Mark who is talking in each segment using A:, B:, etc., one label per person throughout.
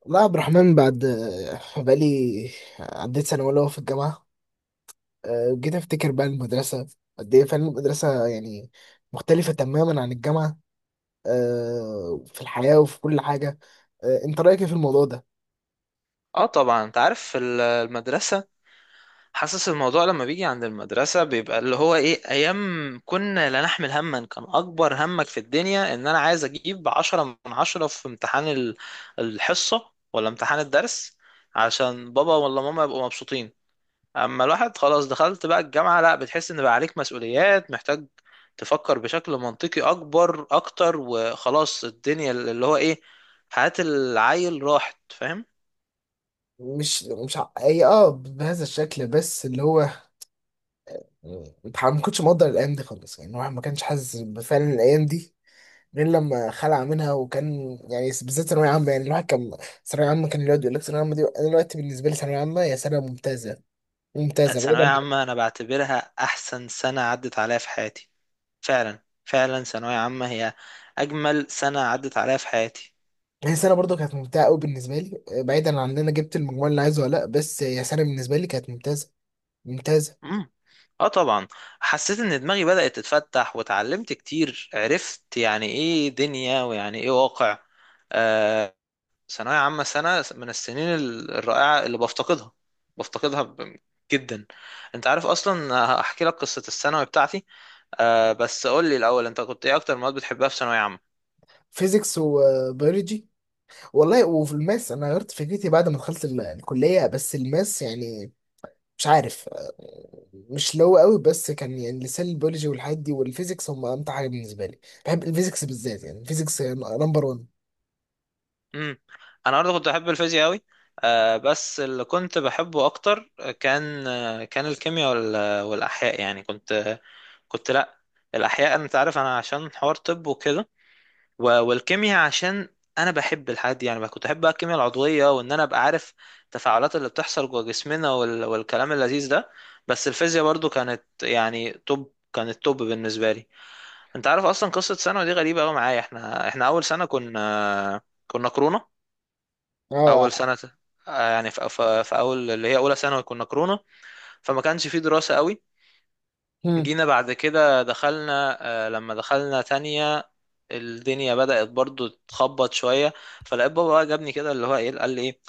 A: والله يا عبد الرحمن بعد بقالي عديت سنة أولى في الجامعة. جيت أفتكر بقى المدرسة قد إيه فعلا. المدرسة يعني مختلفة تماما عن الجامعة في الحياة وفي كل حاجة. أنت رأيك إيه في الموضوع ده؟
B: اه طبعا، انت عارف في المدرسة، حاسس الموضوع لما بيجي عند المدرسة بيبقى اللي هو ايه. ايام كنا لا نحمل هما، كان اكبر همك في الدنيا ان انا عايز اجيب 10 من 10 في امتحان الحصة ولا امتحان الدرس، عشان بابا ولا ماما يبقوا مبسوطين. اما الواحد خلاص دخلت بقى الجامعة، لا، بتحس ان بقى عليك مسؤوليات، محتاج تفكر بشكل منطقي اكبر اكتر، وخلاص الدنيا اللي هو ايه، حياة العيل راحت، فاهم.
A: مش مش ع- أي أه بهذا الشكل بس اللي هو أنت ما كنتش مقدر الأيام دي خالص، يعني الواحد ما كانش حاسس بفعلا الأيام دي غير لما خلع منها، وكان يعني بالذات ثانوية عامة. يعني الواحد كان ثانوية عامة كان يقعد يقول لك ثانوية عامة دي. أنا دلوقتي بالنسبة لي ثانوية عامة هي سنة ممتازة، بعيدا.
B: ثانوية عامة أنا بعتبرها أحسن سنة عدت عليا في حياتي. فعلا فعلا، ثانوية عامة هي أجمل سنة عدت عليا في حياتي.
A: هي سنه برضو كانت ممتعه قوي بالنسبه لي، بعيدا عن ان انا جبت المجموع اللي عايزه ولا لا. بس هي سنه بالنسبه لي كانت ممتازه، ممتازه
B: مم. اه طبعا، حسيت ان دماغي بدأت تتفتح وتعلمت كتير، عرفت يعني ايه دنيا ويعني ايه واقع. آه، ثانوية عامة سنة من السنين الرائعة اللي بفتقدها بفتقدها جدا. انت عارف اصلا، هحكي لك قصة الثانوي بتاعتي. بس قول لي الاول، انت كنت ايه اكتر مواد بتحبها في ثانوية عامة؟
A: فيزيكس وبيولوجي. والله وفي الماس انا غيرت فكرتي بعد ما دخلت الكليه، بس الماس يعني مش عارف، مش اللي هو قوي، بس كان يعني لسان البيولوجي والحاجات دي والفيزيكس هم امتع حاجه بالنسبه لي. بحب الفيزيكس بالذات، يعني الفيزيكس نمبر 1.
B: امم انا برضه كنت بحب الفيزياء قوي. بس اللي كنت بحبه اكتر كان، كان الكيمياء والاحياء. يعني كنت لا، الاحياء، انت عارف انا عشان حوار طب وكده، والكيمياء عشان انا بحب الحاجات دي. يعني بقى كنت احب بقى الكيمياء العضويه، وان انا ابقى عارف التفاعلات اللي بتحصل جوه جسمنا، والكلام اللذيذ ده. بس الفيزياء برضه كانت يعني توب، كانت توب بالنسبه لي. انت عارف اصلا قصه ثانوي دي غريبه قوي معايا. احنا اول سنه كنا كورونا.
A: اه.
B: اول سنه، يعني في اول، اللي هي اولى ثانوي، كنا كورونا. فما كانش في دراسه قوي.
A: مم.
B: جينا بعد كده، دخلنا آه، لما دخلنا تانية الدنيا بدأت برضو تخبط شوية. فلقيت بابا بقى جابني كده، اللي هو ايه، قال لي ايه،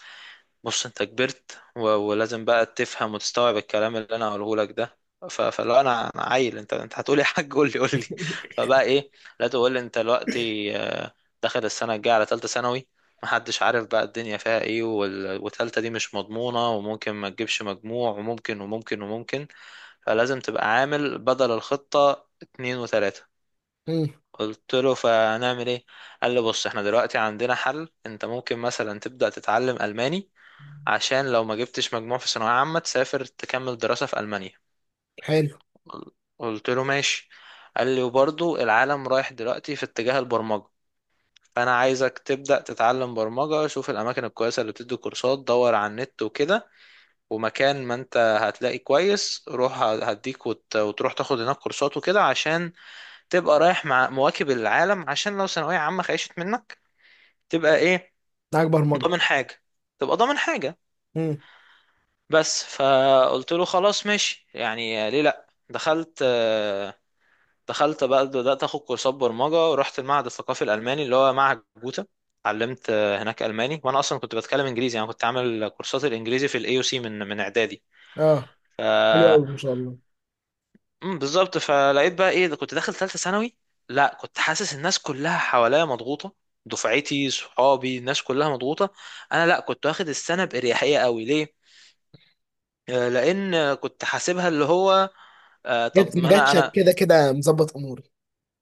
B: بص انت كبرت ولازم بقى تفهم وتستوعب الكلام اللي انا هقوله لك ده. فلو انا عيل، انت هتقولي يا حاج قول لي قول لي. فبقى ايه، لا، تقول لي انت دلوقتي، داخل السنه الجايه على ثالثه ثانوي، محدش عارف بقى الدنيا فيها ايه، وتالتة دي مش مضمونه، وممكن ما تجيبش مجموع، وممكن وممكن وممكن، فلازم تبقى عامل بدل الخطه 2 و3.
A: مم.
B: قلت له فنعمل ايه؟ قال لي بص، احنا دلوقتي عندنا حل، انت ممكن مثلا تبدأ تتعلم ألماني عشان لو ما جبتش مجموع في ثانوية عامة، تسافر تكمل دراسة في ألمانيا.
A: حلو.
B: قلت له ماشي. قال لي وبرضو العالم رايح دلوقتي في اتجاه البرمجة، فأنا عايزك تبدأ تتعلم برمجة. شوف الأماكن الكويسة اللي بتدي كورسات، دور على النت وكده، ومكان ما أنت هتلاقي كويس روح هديك وتروح تاخد هناك كورسات وكده، عشان تبقى رايح مع مواكب العالم. عشان لو ثانوية عامة خيشت منك، تبقى إيه،
A: معاك برمجه.
B: ضامن حاجة. تبقى ضامن حاجة.
A: مم.
B: بس فقلت له خلاص ماشي، يعني ليه لا. دخلت بقى، بدأت اخد كورسات برمجة، ورحت المعهد الثقافي الألماني اللي هو معهد جوتا. اتعلمت هناك ألماني، وانا اصلا كنت بتكلم انجليزي، يعني كنت عامل كورسات الانجليزي في الاي او سي من اعدادي.
A: اه.
B: ف
A: حلو قوي ما شاء الله.
B: بالظبط. فلقيت بقى ايه ده، كنت داخل ثالثة ثانوي. لا كنت حاسس الناس كلها حواليا مضغوطة، دفعتي صحابي الناس كلها مضغوطة، انا لا كنت واخد السنة بإريحية قوي. ليه؟ لان كنت حاسبها اللي هو،
A: جت
B: طب
A: ما
B: ما انا
A: جاتش، أنا
B: انا
A: كده كده مظبط اموري.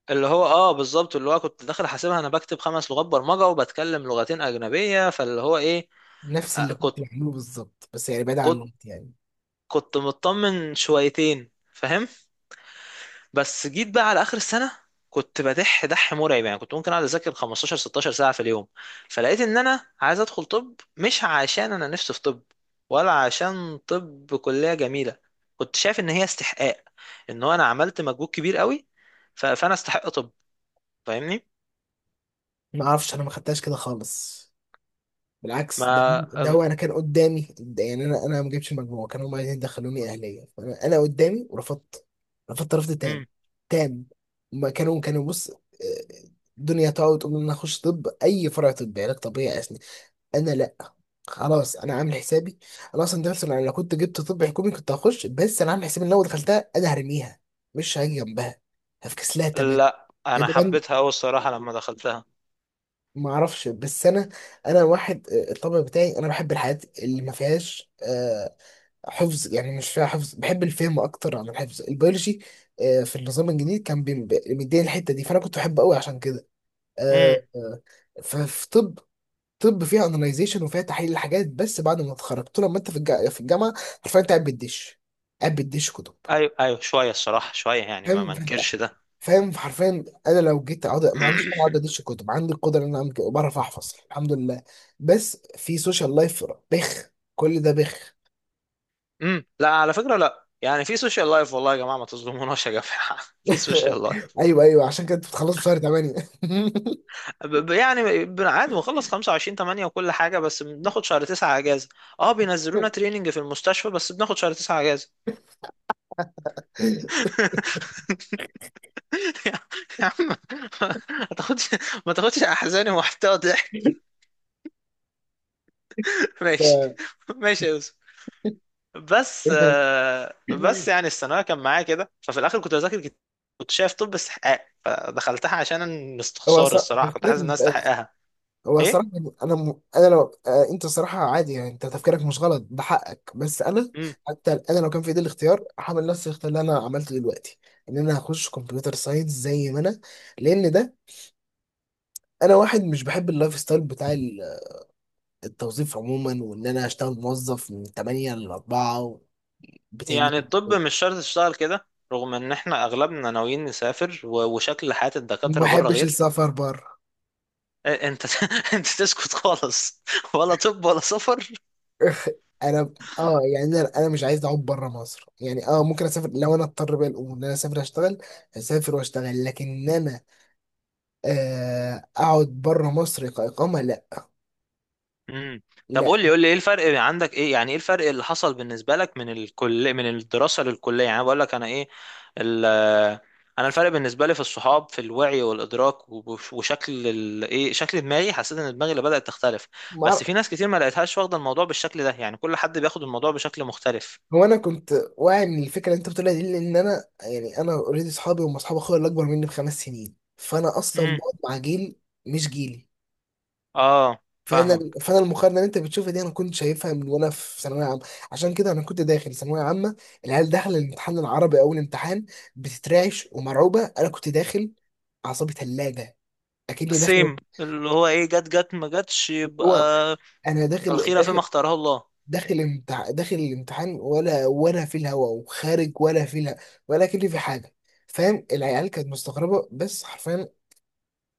B: اللي هو بالظبط، اللي هو كنت داخل حاسبها، انا بكتب 5 لغات برمجه وبتكلم لغتين اجنبيه، فاللي هو ايه،
A: نفس
B: آه
A: اللي
B: كنت
A: كنت بعمله بالظبط، بس يعني بعيد عن
B: كنت
A: الوقت يعني.
B: كنت مطمن شويتين، فاهم. بس جيت بقى على اخر السنه، كنت بدح دح مرعب، يعني كنت ممكن اقعد اذاكر 15 16 ساعه في اليوم. فلقيت ان انا عايز ادخل طب، مش عشان انا نفسي في طب، ولا عشان طب كليه جميله. كنت شايف ان هي استحقاق، ان هو انا عملت مجهود كبير قوي، فانا استحق طب، فاهمني.
A: ما اعرفش، انا ما خدتهاش كده خالص، بالعكس ده.
B: ما
A: ده
B: أم...
A: هو انا كان قدامي ده، يعني انا ما جبتش المجموع، كانوا هم عايزين يدخلوني اهليه، فانا قدامي ورفضت، رفضت رفض تام،
B: أم.
A: تام. ما كانوا كانوا بص، الدنيا تقعد تقول ان انا اخش طب، اي فرع طبي، علاج طبيعي. انا لا، خلاص انا عامل حسابي. انا اصلا، ده مثلا انا لو كنت جبت طب حكومي كنت هخش، بس انا عامل حسابي ان لو دخلتها انا هرميها، مش هاجي جنبها، هفكس لها تمام.
B: لا
A: يا
B: انا
A: دوبان
B: حبيتها قوي الصراحه لما دخلتها.
A: ما اعرفش، بس انا انا واحد، الطبع بتاعي انا بحب الحاجات اللي ما فيهاش، حفظ، يعني مش فيها حفظ، بحب الفهم اكتر عن الحفظ. البيولوجي، في النظام الجديد كان مديني الحته دي، فانا كنت بحبه قوي عشان كده.
B: امم
A: آه، آه، ففي طب، طب فيها اناليزيشن وفيها تحليل الحاجات. بس بعد ما اتخرجت، طول ما انت في الجامعه، حرفيا انت قاعد بتدش، قاعد بتدش كتب.
B: ايوه، ايوه، شويه الصراحه، شويه يعني، ما
A: فاهم؟
B: منكرش ده.
A: فاهم، حرفيا انا لو جيت اقعد، ما عنديش، انا اقعد ادش كتب، عندي القدره ان انا أعمل كده وبعرف احفظ الحمد لله. بس في سوشيال لايف، بخ، كل ده بخ.
B: لا على فكره، لا يعني في سوشيال لايف، والله يا جماعه ما تظلموناش يا جماعه في سوشيال لايف.
A: ايوه ايوه، عشان كده انت بتخلص في شهر 8.
B: يعني عادي بنخلص 25/8 وكل حاجه، بس بناخد شهر 9 اجازه. اه بينزلونا تريننج في المستشفى، بس بناخد شهر 9 اجازه. يا عم، ما تاخدش، ما تاخدش احزاني ومحتوى ضحك. ماشي، ماشي يا يوسف. بس بس يعني الثانويه كان معايا كده. ففي الاخر كنت بذاكر، كنت شايف طب استحقاق، فدخلتها عشان
A: هو
B: استخسار،
A: صح
B: الصراحه كنت حاسس ان
A: تفكيرك.
B: انا استحقها.
A: هو الصراحة
B: ايه.
A: يعني أنا م... أنا لو آه. أنت الصراحة عادي يعني، أنت تفكيرك مش غلط، ده حقك. بس أنا
B: مم.
A: حتى أنا لو كان في إيدي الاختيار هعمل نفس الاختيار اللي أنا عملته دلوقتي، إن أنا هخش كمبيوتر ساينس زي ما أنا. لأن ده، أنا واحد مش بحب اللايف ستايل بتاع التوظيف عموما، وإن أنا أشتغل موظف من 8 ل 4، بتنجز.
B: يعني الطب مش شرط تشتغل كده، رغم ان احنا اغلبنا ناويين نسافر، وشكل حياة
A: ما
B: الدكاترة بره
A: بحبش
B: غير.
A: السفر بره.
B: إيه، انت انت تسكت خالص، ولا طب ولا سفر.
A: انا اه، يعني انا مش عايز اعود بره مصر يعني. اه ممكن اسافر لو انا اضطر، بقى الامور ان انا اسافر اشتغل، اسافر واشتغل، لكن انا اقعد بره مصر كاقامه، لا.
B: مم. طب
A: لا.
B: قول لي، قول لي ايه الفرق عندك، ايه يعني ايه الفرق اللي حصل بالنسبة لك من الكل، من الدراسة للكلية، يعني بقول لك انا ايه ال... انا الفرق بالنسبة لي في الصحاب، في الوعي والادراك، وشكل ايه، شكل دماغي، حسيت ان دماغي اللي بدأت تختلف.
A: ما
B: بس
A: أعرف-
B: في ناس كتير ما لقيتهاش واخدة الموضوع بالشكل ده، يعني كل حد بياخد الموضوع بشكل مختلف.
A: هو انا كنت واعي من الفكره اللي انت بتقولها دي، لان انا يعني انا اوريدي اصحابي هم اصحاب اخويا اللي اكبر مني بـ5 سنين، فانا اصلا
B: امم
A: بقعد مع جيل مش جيلي.
B: اه،
A: فانا
B: فاهمك.
A: فانا المقارنه اللي انت بتشوفها دي انا كنت شايفها من وانا في ثانويه عامه. عشان كده انا كنت داخل ثانويه عامه، العيال داخله الامتحان العربي اول امتحان بتترعش ومرعوبه، انا كنت داخل، اعصابي ثلاجه، اكني داخل،
B: السيم اللي هو ايه، جت جت ما جتش، يبقى
A: هو انا داخل،
B: الخيرة فيما
A: داخل
B: اختاره الله.
A: داخل داخل الامتحان ولا ولا في الهوا، وخارج ولا في الهوا، ولا كل في حاجه. فاهم؟ العيال كانت مستغربه، بس حرفيا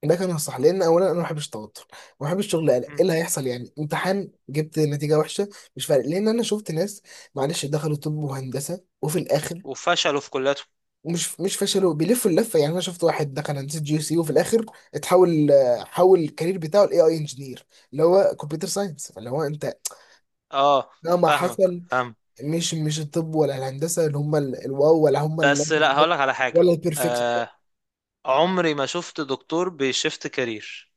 A: ده كان الصح، لان اولا انا ما بحبش التوتر، ما بحبش شغل قلق ايه
B: مم.
A: اللي هيحصل. يعني امتحان جبت نتيجه وحشه، مش فارق، لان انا شفت ناس معلش دخلوا طب وهندسه وفي الاخر،
B: وفشلوا في كليته.
A: مش فشلوا، بيلفوا اللفه. يعني انا شفت واحد دخل هندسه جي سي، وفي الاخر اتحول، حول الكارير بتاعه لاي اي انجينير، اللي هو كمبيوتر ساينس اللي هو انت.
B: اه
A: مهما
B: فاهمك،
A: حصل،
B: فاهم.
A: مش الطب ولا الهندسه اللي هم الواو، ولا هم
B: بس لا هقولك على حاجة،
A: ولا البرفكت.
B: آه عمري ما شفت دكتور بيشفت كارير.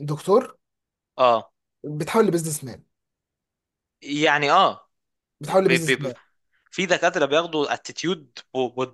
A: دكتور
B: اه
A: بتحول لبزنس مان،
B: يعني، اه
A: بتحول
B: بي بي
A: لبزنس
B: بي
A: مان.
B: في دكاترة بياخدوا اتيتيود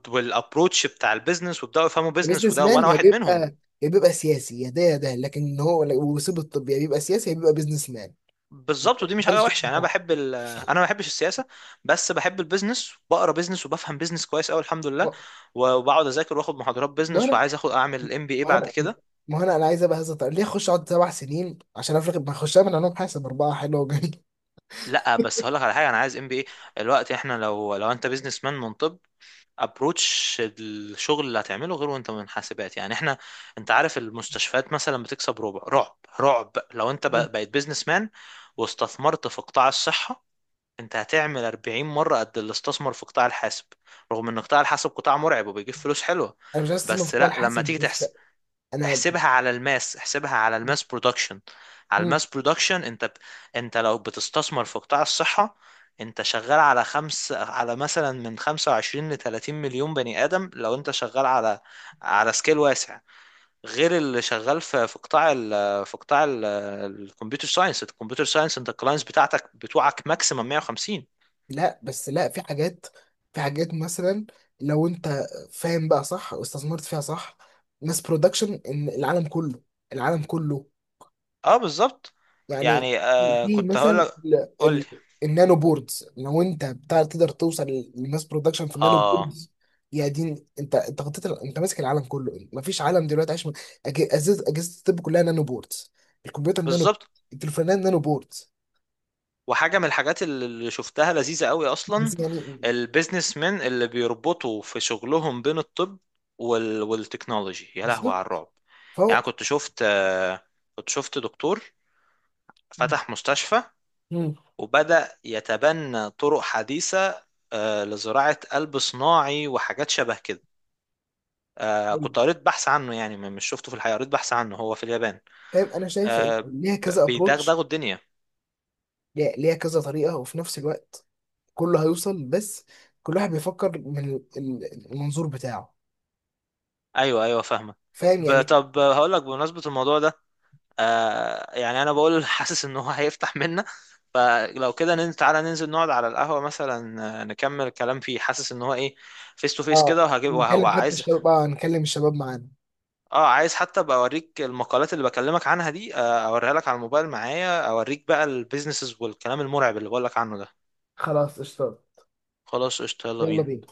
B: والابروتش بتاع البيزنس، ويبداوا يفهموا بيزنس
A: البزنس
B: وده،
A: مان
B: وانا
A: يا
B: واحد منهم.
A: بيبقى، يا بيبقى سياسي، يا ده يا ده، لكن هو ويسيب الطب، يا بيبقى سياسي يا بيبقى بزنس مان،
B: بالظبط، ودي مش
A: ده
B: حاجه
A: الشكل
B: وحشه. يعني انا
A: بتاعها.
B: بحب انا ما بحبش السياسه، بس بحب البيزنس وبقرا بيزنس وبفهم بيزنس كويس قوي الحمد
A: ما
B: لله. وبقعد اذاكر واخد محاضرات
A: ما
B: بيزنس،
A: انا
B: وعايز اخد اعمل ام بي اي
A: ما
B: بعد
A: انا
B: كده.
A: ما انا انا عايز ابقى هذا. طيب ليه اخش اقعد 7 سنين عشان افرق، ما اخش اعمل علوم حاسب 4 حلوه وجميل.
B: لا بس هقول لك على حاجه، انا عايز ام بي اي الوقت. احنا لو انت بيزنس مان من طب، ابروتش الشغل اللي هتعمله غير وانت من حاسبات. يعني احنا، انت عارف المستشفيات مثلا بتكسب ربع رعب، رعب لو انت بقيت بيزنس مان واستثمرت في قطاع الصحه، انت هتعمل 40 مرة قد اللي استثمر في قطاع الحاسب، رغم ان قطاع الحاسب قطاع مرعب وبيجيب فلوس حلوة.
A: انا مش عايز استثمر في
B: بس
A: قطاع
B: لا، لما
A: الحاسب
B: تيجي
A: بس.
B: تحسب،
A: انا،
B: احسبها على الماس، احسبها على الماس برودكشن، على الماس برودكشن. انت انت لو بتستثمر في قطاع الصحة، انت شغال على خمس على مثلا من 25 ل 30 مليون بني آدم، لو انت شغال على على سكيل واسع، غير اللي شغال في في قطاع في قطاع الكمبيوتر ساينس، الكمبيوتر ساينس انت الكلاينتس بتاعتك بتوعك ماكسيمم 150.
A: لا بس لا في حاجات، في حاجات مثلا، لو انت فاهم بقى صح واستثمرت فيها صح، ماس برودكشن، ان العالم كله، العالم كله
B: اه بالظبط،
A: يعني.
B: يعني
A: في
B: كنت هقول
A: مثلا
B: لك. قول لي.
A: النانو بوردز، لو انت بتاع تقدر توصل للماس برودكشن في النانو
B: اه
A: بوردز، يا دين، انت انت غطيت انت ماسك العالم كله. مفيش عالم دلوقتي عايش من- اجهزه، اجهزه الطب كلها نانو بوردز، الكمبيوتر نانو،
B: بالظبط.
A: التليفونات نانو بوردز.
B: وحاجه من الحاجات اللي شفتها لذيذه قوي اصلا،
A: بس يعني
B: البيزنس مان اللي بيربطوا في شغلهم بين الطب والتكنولوجي، يا لهوي على
A: بالظبط،
B: الرعب. يعني
A: فهو.
B: كنت شفت آه، كنت شفت دكتور فتح مستشفى
A: مم.
B: وبدأ يتبنى طرق حديثه، لزراعه قلب صناعي وحاجات شبه كده. كنت قريت بحث عنه، يعني مش شفته في الحقيقه، قريت بحث عنه، هو في اليابان.
A: فاهم، انا شايف ان
B: آه
A: ليها كذا ابروتش،
B: بيدغدغوا الدنيا.
A: ليها كذا طريقه، وفي نفس الوقت كله هيوصل، بس كل واحد بيفكر من المنظور بتاعه.
B: ايوه، ايوه، فاهمه.
A: فاهم يعني.
B: طب هقول لك، بمناسبه الموضوع ده، يعني انا بقول حاسس ان هو هيفتح منا. فلو كده ننزل، تعالى ننزل نقعد على القهوه مثلا، نكمل الكلام فيه، حاسس ان هو ايه، فيس تو فيس
A: اه
B: كده، وهجيب
A: نكلم حتى
B: وعايز
A: الشباب، اه نكلم الشباب معانا.
B: اه، عايز حتى ابقى اوريك المقالات اللي بكلمك عنها دي، اوريها لك على الموبايل معايا، اوريك بقى البيزنسز والكلام المرعب اللي بقول لك عنه ده.
A: خلاص اشتغل،
B: خلاص قشطه، يلا
A: يلا
B: بينا.
A: بينا.